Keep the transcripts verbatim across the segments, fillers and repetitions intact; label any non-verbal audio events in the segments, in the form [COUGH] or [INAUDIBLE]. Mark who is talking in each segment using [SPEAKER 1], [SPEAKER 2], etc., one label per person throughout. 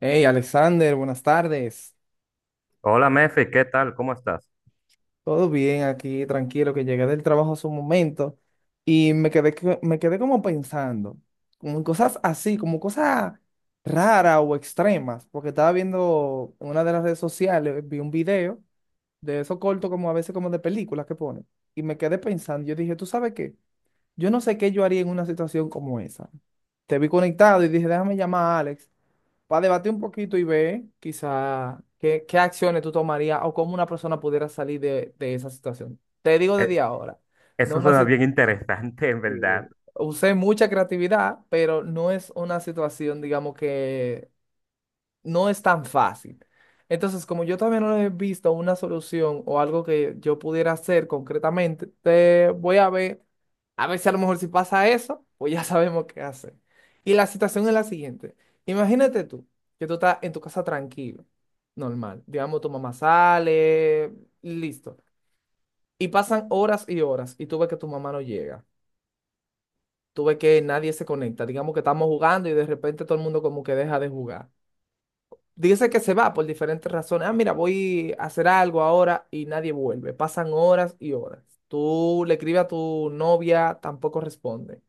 [SPEAKER 1] Hey, Alexander, buenas tardes.
[SPEAKER 2] Hola, Mefi, ¿qué tal? ¿Cómo estás?
[SPEAKER 1] Todo bien aquí, tranquilo, que llegué del trabajo hace un momento y me quedé, que- me quedé como pensando, como en cosas así, como cosas raras o extremas, porque estaba viendo en una de las redes sociales, vi un video de eso corto como a veces como de películas que ponen y me quedé pensando, yo dije, ¿tú sabes qué? Yo no sé qué yo haría en una situación como esa. Te vi conectado y dije, déjame llamar a Alex para debatir un poquito y ver quizá qué, qué acciones tú tomarías o cómo una persona pudiera salir de, de esa situación. Te digo
[SPEAKER 2] Eh,
[SPEAKER 1] desde ahora, no
[SPEAKER 2] Eso
[SPEAKER 1] una,
[SPEAKER 2] suena
[SPEAKER 1] si-
[SPEAKER 2] bien interesante, en
[SPEAKER 1] eh,
[SPEAKER 2] verdad. [LAUGHS]
[SPEAKER 1] usé mucha creatividad, pero no es una situación, digamos, que no es tan fácil. Entonces, como yo todavía no he visto una solución o algo que yo pudiera hacer concretamente, te voy a ver. A ver si a lo mejor si pasa eso, pues ya sabemos qué hacer. Y la situación es la siguiente. Imagínate tú, que tú estás en tu casa tranquilo, normal. Digamos, tu mamá sale, listo. Y pasan horas y horas y tú ves que tu mamá no llega. Tú ves que nadie se conecta. Digamos que estamos jugando y de repente todo el mundo como que deja de jugar. Dice que se va por diferentes razones. Ah, mira, voy a hacer algo ahora y nadie vuelve. Pasan horas y horas. Tú le escribes a tu novia, tampoco responde.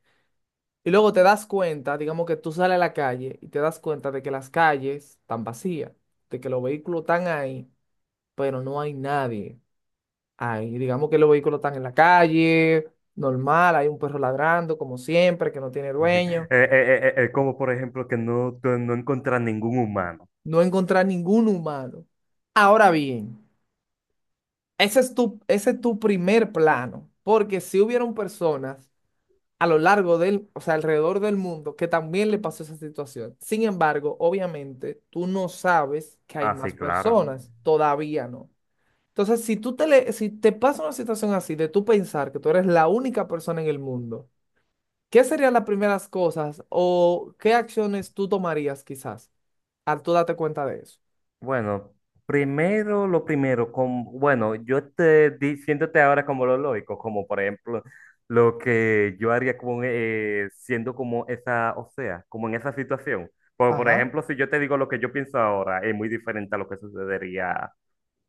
[SPEAKER 1] Y luego te das cuenta, digamos que tú sales a la calle y te das cuenta de que las calles están vacías, de que los vehículos están ahí, pero no hay nadie ahí. Digamos que los vehículos están en la calle, normal, hay un perro ladrando, como siempre, que no tiene
[SPEAKER 2] Eh,
[SPEAKER 1] dueño.
[SPEAKER 2] eh, eh, eh, como por ejemplo que no, tú no encuentras ningún humano.
[SPEAKER 1] No encontrar ningún humano. Ahora bien, ese es tu, ese es tu primer plano, porque si hubieron personas a lo largo del, o sea, alrededor del mundo, que también le pasó esa situación. Sin embargo, obviamente, tú no sabes que hay
[SPEAKER 2] Ah, sí,
[SPEAKER 1] más
[SPEAKER 2] claro.
[SPEAKER 1] personas, todavía no. Entonces, si tú te le- si te pasa una situación así de tú pensar que tú eres la única persona en el mundo, ¿qué serían las primeras cosas o qué acciones tú tomarías quizás al tú darte cuenta de eso?
[SPEAKER 2] Bueno, primero lo primero, con, bueno, yo te diciéndote ahora como lo lógico, como por ejemplo lo que yo haría con, eh, siendo como esa, o sea, como en esa situación. Por, por
[SPEAKER 1] Ajá,
[SPEAKER 2] ejemplo, si yo te digo lo que yo pienso ahora, es muy diferente a lo que sucedería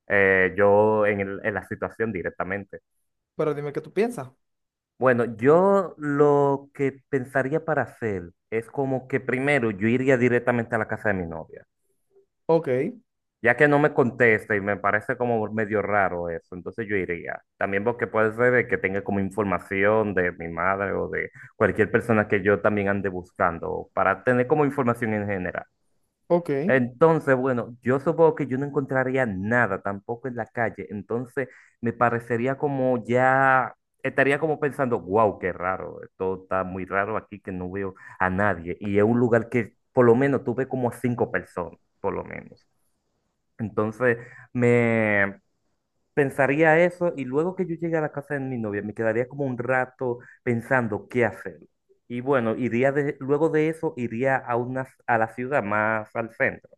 [SPEAKER 2] eh, yo en el- en la situación directamente.
[SPEAKER 1] pero dime qué tú piensas.
[SPEAKER 2] Bueno, yo lo que pensaría para hacer es como que primero yo iría directamente a la casa de mi novia,
[SPEAKER 1] Ok,
[SPEAKER 2] ya que no me contesta y me parece como medio raro eso, entonces yo iría. También porque puede ser de que tenga como información de mi madre o de cualquier persona que yo también ande buscando, para tener como información en general.
[SPEAKER 1] ok.
[SPEAKER 2] Entonces, bueno, yo supongo que yo no encontraría nada tampoco en la calle. Entonces, me parecería como ya, estaría como pensando, wow, qué raro, esto está muy raro aquí que no veo a nadie. Y es un lugar que por lo menos tuve como a cinco personas, por lo menos. Entonces, me pensaría eso y luego que yo llegue a la casa de mi novia, me quedaría como un rato pensando qué hacer. Y bueno, iría de- luego de eso, iría a, una, a la ciudad más al centro,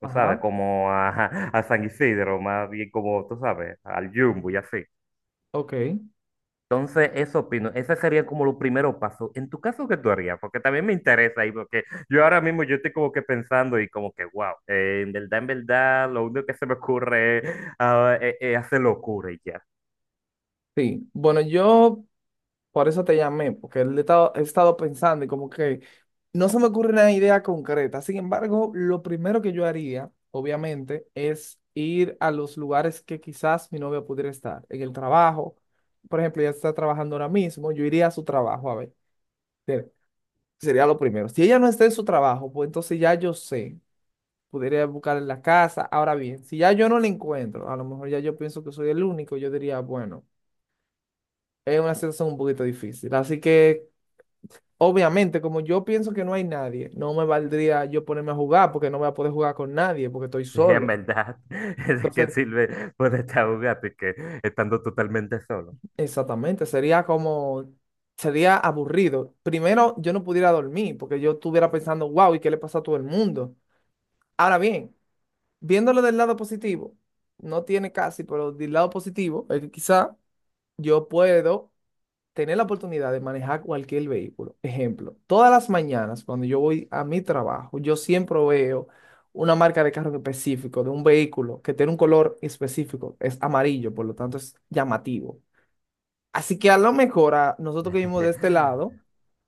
[SPEAKER 2] tú
[SPEAKER 1] Ajá,
[SPEAKER 2] sabes, como a, [LAUGHS] a San Isidro, más bien como, tú sabes, al Jumbo y así.
[SPEAKER 1] ok.
[SPEAKER 2] Entonces, eso opino, ese sería como los primeros pasos. En tu caso, ¿qué tú harías? Porque también me interesa ahí, porque yo ahora mismo yo estoy como que pensando y como que, wow, eh, en verdad, en verdad, lo único que se me ocurre es, ah, eh, eh, hacer locura y ya. [LAUGHS]
[SPEAKER 1] Sí, bueno, yo por eso te llamé, porque él he estado, he estado pensando y como que no se me ocurre una idea concreta. Sin embargo, lo primero que yo haría, obviamente, es ir a los lugares que quizás mi novia pudiera estar. En el trabajo, por ejemplo, ella está trabajando ahora mismo, yo iría a su trabajo a ver. Ser- Sería lo primero. Si ella no está en su trabajo, pues entonces ya yo sé, podría buscar en la casa. Ahora bien, si ya yo no la encuentro, a lo mejor ya yo pienso que soy el único, yo diría, bueno. Es una situación un poquito difícil. Así que, obviamente, como yo pienso que no hay nadie, no me valdría yo ponerme a jugar porque no voy a poder jugar con nadie porque estoy
[SPEAKER 2] Sí, en
[SPEAKER 1] solo.
[SPEAKER 2] verdad, [LAUGHS] es que
[SPEAKER 1] Entonces,
[SPEAKER 2] sirve poner a un gato y que estando totalmente solo.
[SPEAKER 1] exactamente, sería como, sería aburrido. Primero, yo no pudiera dormir porque yo estuviera pensando, wow, ¿y qué le pasa a todo el mundo? Ahora bien, viéndolo del lado positivo, no tiene casi, pero del lado positivo es que quizá yo puedo tener la oportunidad de manejar cualquier vehículo. Ejemplo, todas las mañanas cuando yo voy a mi trabajo, yo siempre veo una marca de carro en específico, de un vehículo que tiene un color específico, es amarillo, por lo tanto es llamativo. Así que a lo mejor a nosotros que vivimos de este
[SPEAKER 2] [LAUGHS]
[SPEAKER 1] lado,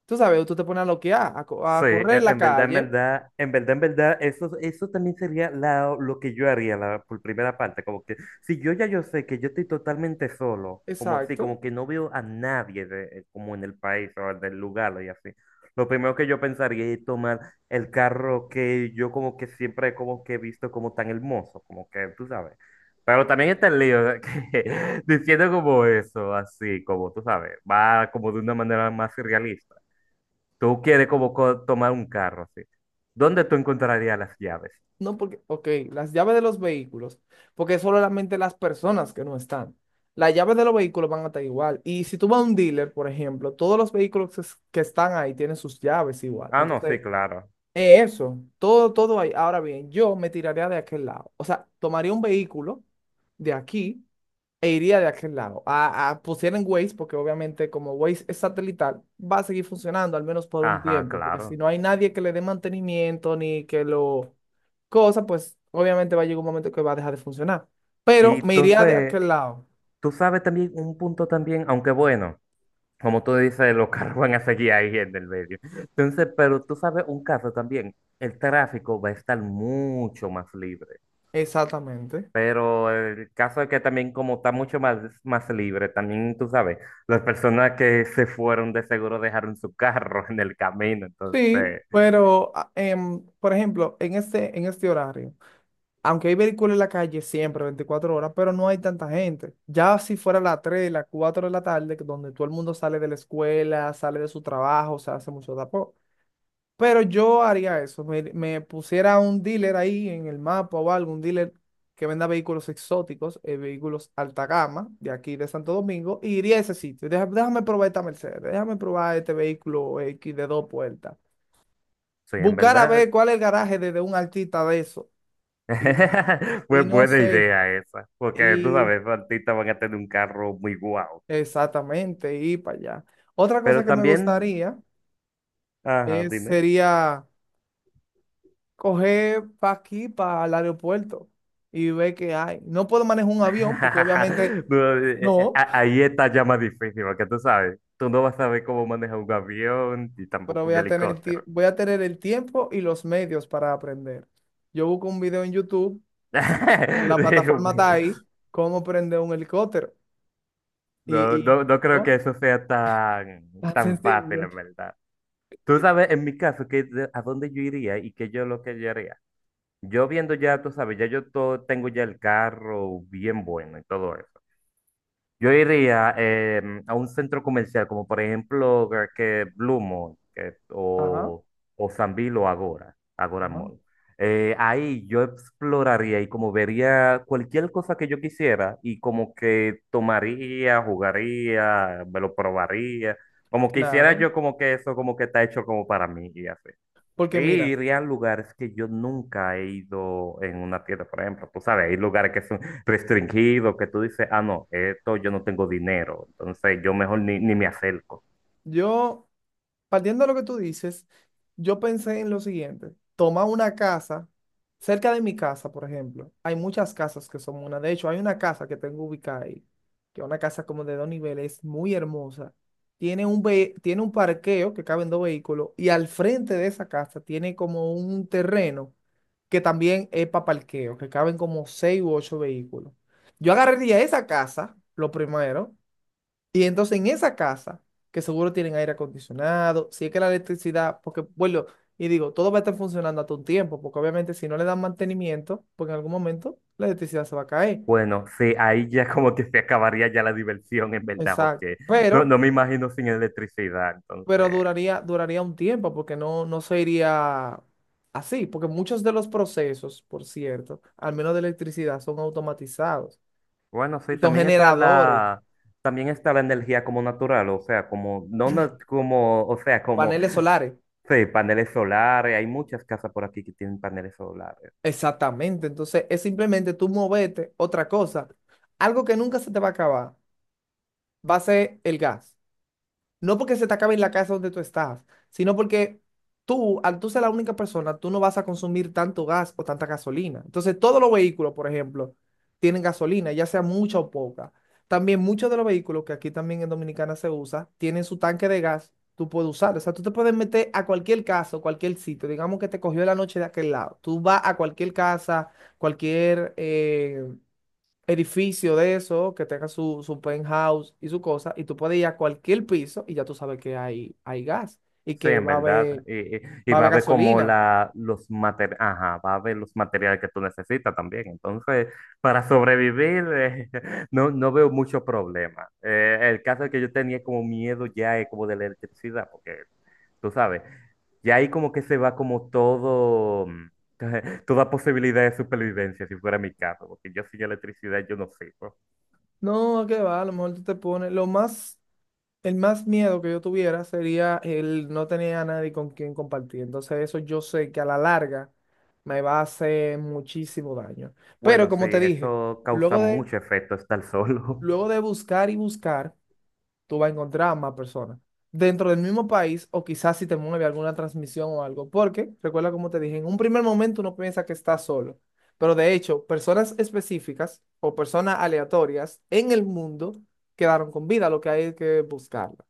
[SPEAKER 1] tú sabes, tú te pones a loquear, a, co- a
[SPEAKER 2] Sí,
[SPEAKER 1] correr en
[SPEAKER 2] en,
[SPEAKER 1] la
[SPEAKER 2] en verdad, en
[SPEAKER 1] calle,
[SPEAKER 2] verdad, en verdad, en verdad, eso, eso también sería la- lo que yo haría la, por primera parte, como que si yo ya yo sé que yo estoy totalmente solo, como así,
[SPEAKER 1] exacto.
[SPEAKER 2] como que no veo a nadie de- como en el país o del lugar y así, lo primero que yo pensaría es tomar el carro que yo como que siempre como que he visto como tan hermoso, como que tú sabes, pero también está el lío de que, [LAUGHS] diciendo como eso, así, como tú sabes, va como de una manera más realista. Tú quieres como co- tomar un carro, así. ¿Dónde tú encontrarías las llaves?
[SPEAKER 1] No, porque, ok, las llaves de los vehículos, porque es solamente las personas que no están. Las llaves de los vehículos van a estar igual. Y si tú vas a un dealer, por ejemplo, todos los vehículos que es- que están ahí tienen sus llaves igual.
[SPEAKER 2] Ah, no, sí,
[SPEAKER 1] Entonces,
[SPEAKER 2] claro.
[SPEAKER 1] es eso, todo, todo ahí. Ahora bien, yo me tiraría de aquel lado. O sea, tomaría un vehículo de aquí e iría de aquel lado. A, a pusieran Waze, porque obviamente como Waze es satelital, va a seguir funcionando al menos por un
[SPEAKER 2] Ajá,
[SPEAKER 1] tiempo, porque si
[SPEAKER 2] claro.
[SPEAKER 1] no hay nadie que le dé mantenimiento ni que lo cosa, pues obviamente va a llegar un momento que va a dejar de funcionar. Pero
[SPEAKER 2] Y
[SPEAKER 1] me iría de
[SPEAKER 2] entonces,
[SPEAKER 1] aquel lado.
[SPEAKER 2] tú sabes también un punto también, aunque bueno, como tú dices, los [LAUGHS] carros van a seguir ahí en el medio. Entonces, pero tú sabes un caso también, el tráfico va a estar mucho más libre.
[SPEAKER 1] Exactamente.
[SPEAKER 2] Pero el caso es que también como está mucho más, más libre, también tú sabes, las personas que se fueron de seguro dejaron su carro [LAUGHS] en el camino.
[SPEAKER 1] Sí,
[SPEAKER 2] Entonces,
[SPEAKER 1] pero ah, em, por ejemplo, en este, en este horario, aunque hay vehículos en la calle siempre, veinticuatro horas, pero no hay tanta gente. Ya si fuera las tres, las cuatro de la tarde, que donde todo el mundo sale de la escuela, sale de su trabajo, se hace mucho tapón. Pero yo haría eso, me, me pusiera un dealer ahí en el mapa o algo, un dealer que venda vehículos exóticos, eh, vehículos alta gama de aquí de Santo Domingo, y iría a ese sitio. Deja- déjame probar esta Mercedes, déjame probar este vehículo X de dos puertas.
[SPEAKER 2] sí, en
[SPEAKER 1] Buscar a
[SPEAKER 2] verdad.
[SPEAKER 1] ver cuál es el garaje de, de un artista de eso. Y,
[SPEAKER 2] [LAUGHS]
[SPEAKER 1] y
[SPEAKER 2] Pues
[SPEAKER 1] no
[SPEAKER 2] buena
[SPEAKER 1] sé.
[SPEAKER 2] idea esa, porque tú
[SPEAKER 1] Y
[SPEAKER 2] sabes, los artistas van a tener un carro muy guau.
[SPEAKER 1] exactamente, y para allá. Otra cosa
[SPEAKER 2] Pero
[SPEAKER 1] que me
[SPEAKER 2] también,
[SPEAKER 1] gustaría
[SPEAKER 2] ajá,
[SPEAKER 1] es,
[SPEAKER 2] dime.
[SPEAKER 1] sería coger para aquí, para el aeropuerto, y ver qué hay. No puedo manejar un avión, porque obviamente
[SPEAKER 2] [LAUGHS] No, eh, eh,
[SPEAKER 1] no,
[SPEAKER 2] a- Ahí está ya más difícil, porque tú sabes, tú no vas a saber cómo manejar un avión y
[SPEAKER 1] pero
[SPEAKER 2] tampoco
[SPEAKER 1] voy
[SPEAKER 2] un
[SPEAKER 1] a tener, tie-
[SPEAKER 2] helicóptero.
[SPEAKER 1] voy a tener el tiempo y los medios para aprender. Yo busco un video en YouTube,
[SPEAKER 2] [LAUGHS]
[SPEAKER 1] si, si la
[SPEAKER 2] Digo,
[SPEAKER 1] plataforma está
[SPEAKER 2] pues,
[SPEAKER 1] ahí, cómo prender un helicóptero. Y,
[SPEAKER 2] no,
[SPEAKER 1] y
[SPEAKER 2] no, no
[SPEAKER 1] [LAUGHS]
[SPEAKER 2] creo
[SPEAKER 1] ¿no?
[SPEAKER 2] que eso sea tan,
[SPEAKER 1] Tan
[SPEAKER 2] tan fácil,
[SPEAKER 1] sencillo.
[SPEAKER 2] en verdad. Tú sabes, en mi caso, que, de- a dónde yo iría y qué yo lo que yo haría. Yo viendo ya, tú sabes, ya yo todo, tengo ya el carro bien bueno y todo eso. Yo iría em, a un centro comercial como por ejemplo que que Blue Mall que-
[SPEAKER 1] Ajá,
[SPEAKER 2] o, o Sambil o Agora, Agora
[SPEAKER 1] ajá,
[SPEAKER 2] Mall. Eh, ahí yo exploraría y como vería cualquier cosa que yo quisiera y como que tomaría, jugaría, me lo probaría, como quisiera
[SPEAKER 1] claro.
[SPEAKER 2] yo como que eso como que está hecho como para mí y así. Y
[SPEAKER 1] Porque mira,
[SPEAKER 2] ir a lugares que yo nunca he ido en una tienda, por ejemplo, tú sabes, hay lugares que son restringidos, que tú dices, ah, no, esto yo no tengo dinero, entonces yo mejor ni, ni me acerco.
[SPEAKER 1] yo. Partiendo de lo que tú dices, yo pensé en lo siguiente. Toma una casa, cerca de mi casa, por ejemplo. Hay muchas casas que son una. De hecho, hay una casa que tengo ubicada ahí, que es una casa como de dos niveles, muy hermosa. Tiene un, ve- tiene un parqueo que caben dos vehículos y al frente de esa casa tiene como un terreno que también es para parqueo, que caben como seis u ocho vehículos. Yo agarraría esa casa, lo primero, y entonces en esa casa, que seguro tienen aire acondicionado, si es que la electricidad, porque bueno, y digo, todo va a estar funcionando hasta un tiempo, porque obviamente si no le dan mantenimiento, porque en algún momento la electricidad se va a caer.
[SPEAKER 2] Bueno, sí, ahí ya [LAUGHS] como que se acabaría ya la diversión, en verdad,
[SPEAKER 1] Exacto.
[SPEAKER 2] porque no,
[SPEAKER 1] Pero,
[SPEAKER 2] no me imagino sin electricidad,
[SPEAKER 1] pero
[SPEAKER 2] entonces,
[SPEAKER 1] duraría, duraría un tiempo, porque no, no se iría así, porque muchos de los procesos, por cierto, al menos de electricidad, son automatizados
[SPEAKER 2] bueno, sí,
[SPEAKER 1] y son
[SPEAKER 2] también está
[SPEAKER 1] generadores,
[SPEAKER 2] la, también está la energía como natural, o sea, como, no, na- como, o sea, como,
[SPEAKER 1] paneles solares.
[SPEAKER 2] sí, paneles solares, hay muchas casas por aquí que tienen paneles solares.
[SPEAKER 1] Exactamente, entonces es simplemente tú moverte, otra cosa. Algo que nunca se te va a acabar va a ser el gas. No porque se te acabe en la casa donde tú estás, sino porque tú, al tú ser la única persona, tú no vas a consumir tanto gas o tanta gasolina. Entonces, todos los vehículos, por ejemplo, tienen gasolina, ya sea mucha o poca. También muchos de los vehículos que aquí también en Dominicana se usa, tienen su tanque de gas, tú puedes usar. O sea, tú te puedes meter a cualquier casa, o cualquier sitio. Digamos que te cogió la noche de aquel lado. Tú vas a cualquier casa, cualquier eh, edificio de eso, que tenga su, su penthouse y su cosa, y tú puedes ir a cualquier piso y ya tú sabes que hay, hay gas y
[SPEAKER 2] Sí,
[SPEAKER 1] que
[SPEAKER 2] en
[SPEAKER 1] va a haber,
[SPEAKER 2] verdad. Y, y- y
[SPEAKER 1] va a
[SPEAKER 2] va a
[SPEAKER 1] haber
[SPEAKER 2] ver como
[SPEAKER 1] gasolina.
[SPEAKER 2] la, los materiales, ajá, va a ver los materiales que tú necesitas también. Entonces, para sobrevivir, eh, [LAUGHS] no, no veo mucho problema. Eh, el caso es que yo tenía como miedo ya eh, como de la electricidad, porque tú sabes, ya ahí como que se va como todo, mm, [LAUGHS] toda posibilidad de supervivencia, si fuera mi caso, porque yo sin electricidad yo no sirvo.
[SPEAKER 1] No, que va, a lo mejor tú te pones, lo más, el más miedo que yo tuviera sería el no tener a nadie con quien compartir. Entonces eso yo sé que a la larga me va a hacer muchísimo daño. Pero
[SPEAKER 2] Bueno, sí,
[SPEAKER 1] como te dije,
[SPEAKER 2] eso causa
[SPEAKER 1] luego de,
[SPEAKER 2] mucho efecto estar solo. [LAUGHS]
[SPEAKER 1] luego de buscar y buscar, tú vas a encontrar a más personas. Dentro del mismo país, o quizás si te mueve alguna transmisión o algo, porque recuerda como te dije, en un primer momento uno piensa que está solo, pero de hecho, personas específicas o personas aleatorias en el mundo quedaron con vida, lo que hay que buscarla.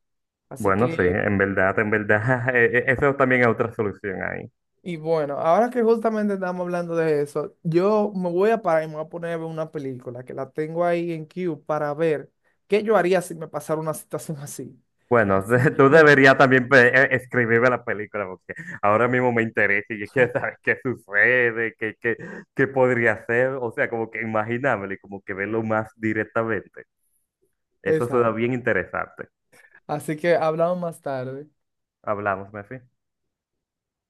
[SPEAKER 1] Así
[SPEAKER 2] Bueno, sí,
[SPEAKER 1] que,
[SPEAKER 2] en verdad, en verdad, [LAUGHS] eh, eh, eso también es otra solución ahí.
[SPEAKER 1] y bueno, ahora que justamente estamos hablando de eso, yo me voy a parar y me voy a poner a ver una película que la tengo ahí en queue para ver qué yo haría si me pasara una situación [LAUGHS] así.
[SPEAKER 2] Bueno,
[SPEAKER 1] Así
[SPEAKER 2] [LAUGHS] tú
[SPEAKER 1] que,
[SPEAKER 2] deberías también pe- eh, escribirme la película porque ahora mismo me interesa y yo quiero saber qué sucede, qué, qué, qué podría hacer, o sea, como que imaginármelo y como que verlo más directamente.
[SPEAKER 1] [LAUGHS]
[SPEAKER 2] Eso
[SPEAKER 1] esa
[SPEAKER 2] suena
[SPEAKER 1] es.
[SPEAKER 2] bien interesante.
[SPEAKER 1] Así que hablamos más tarde.
[SPEAKER 2] Hablamos, Mefi.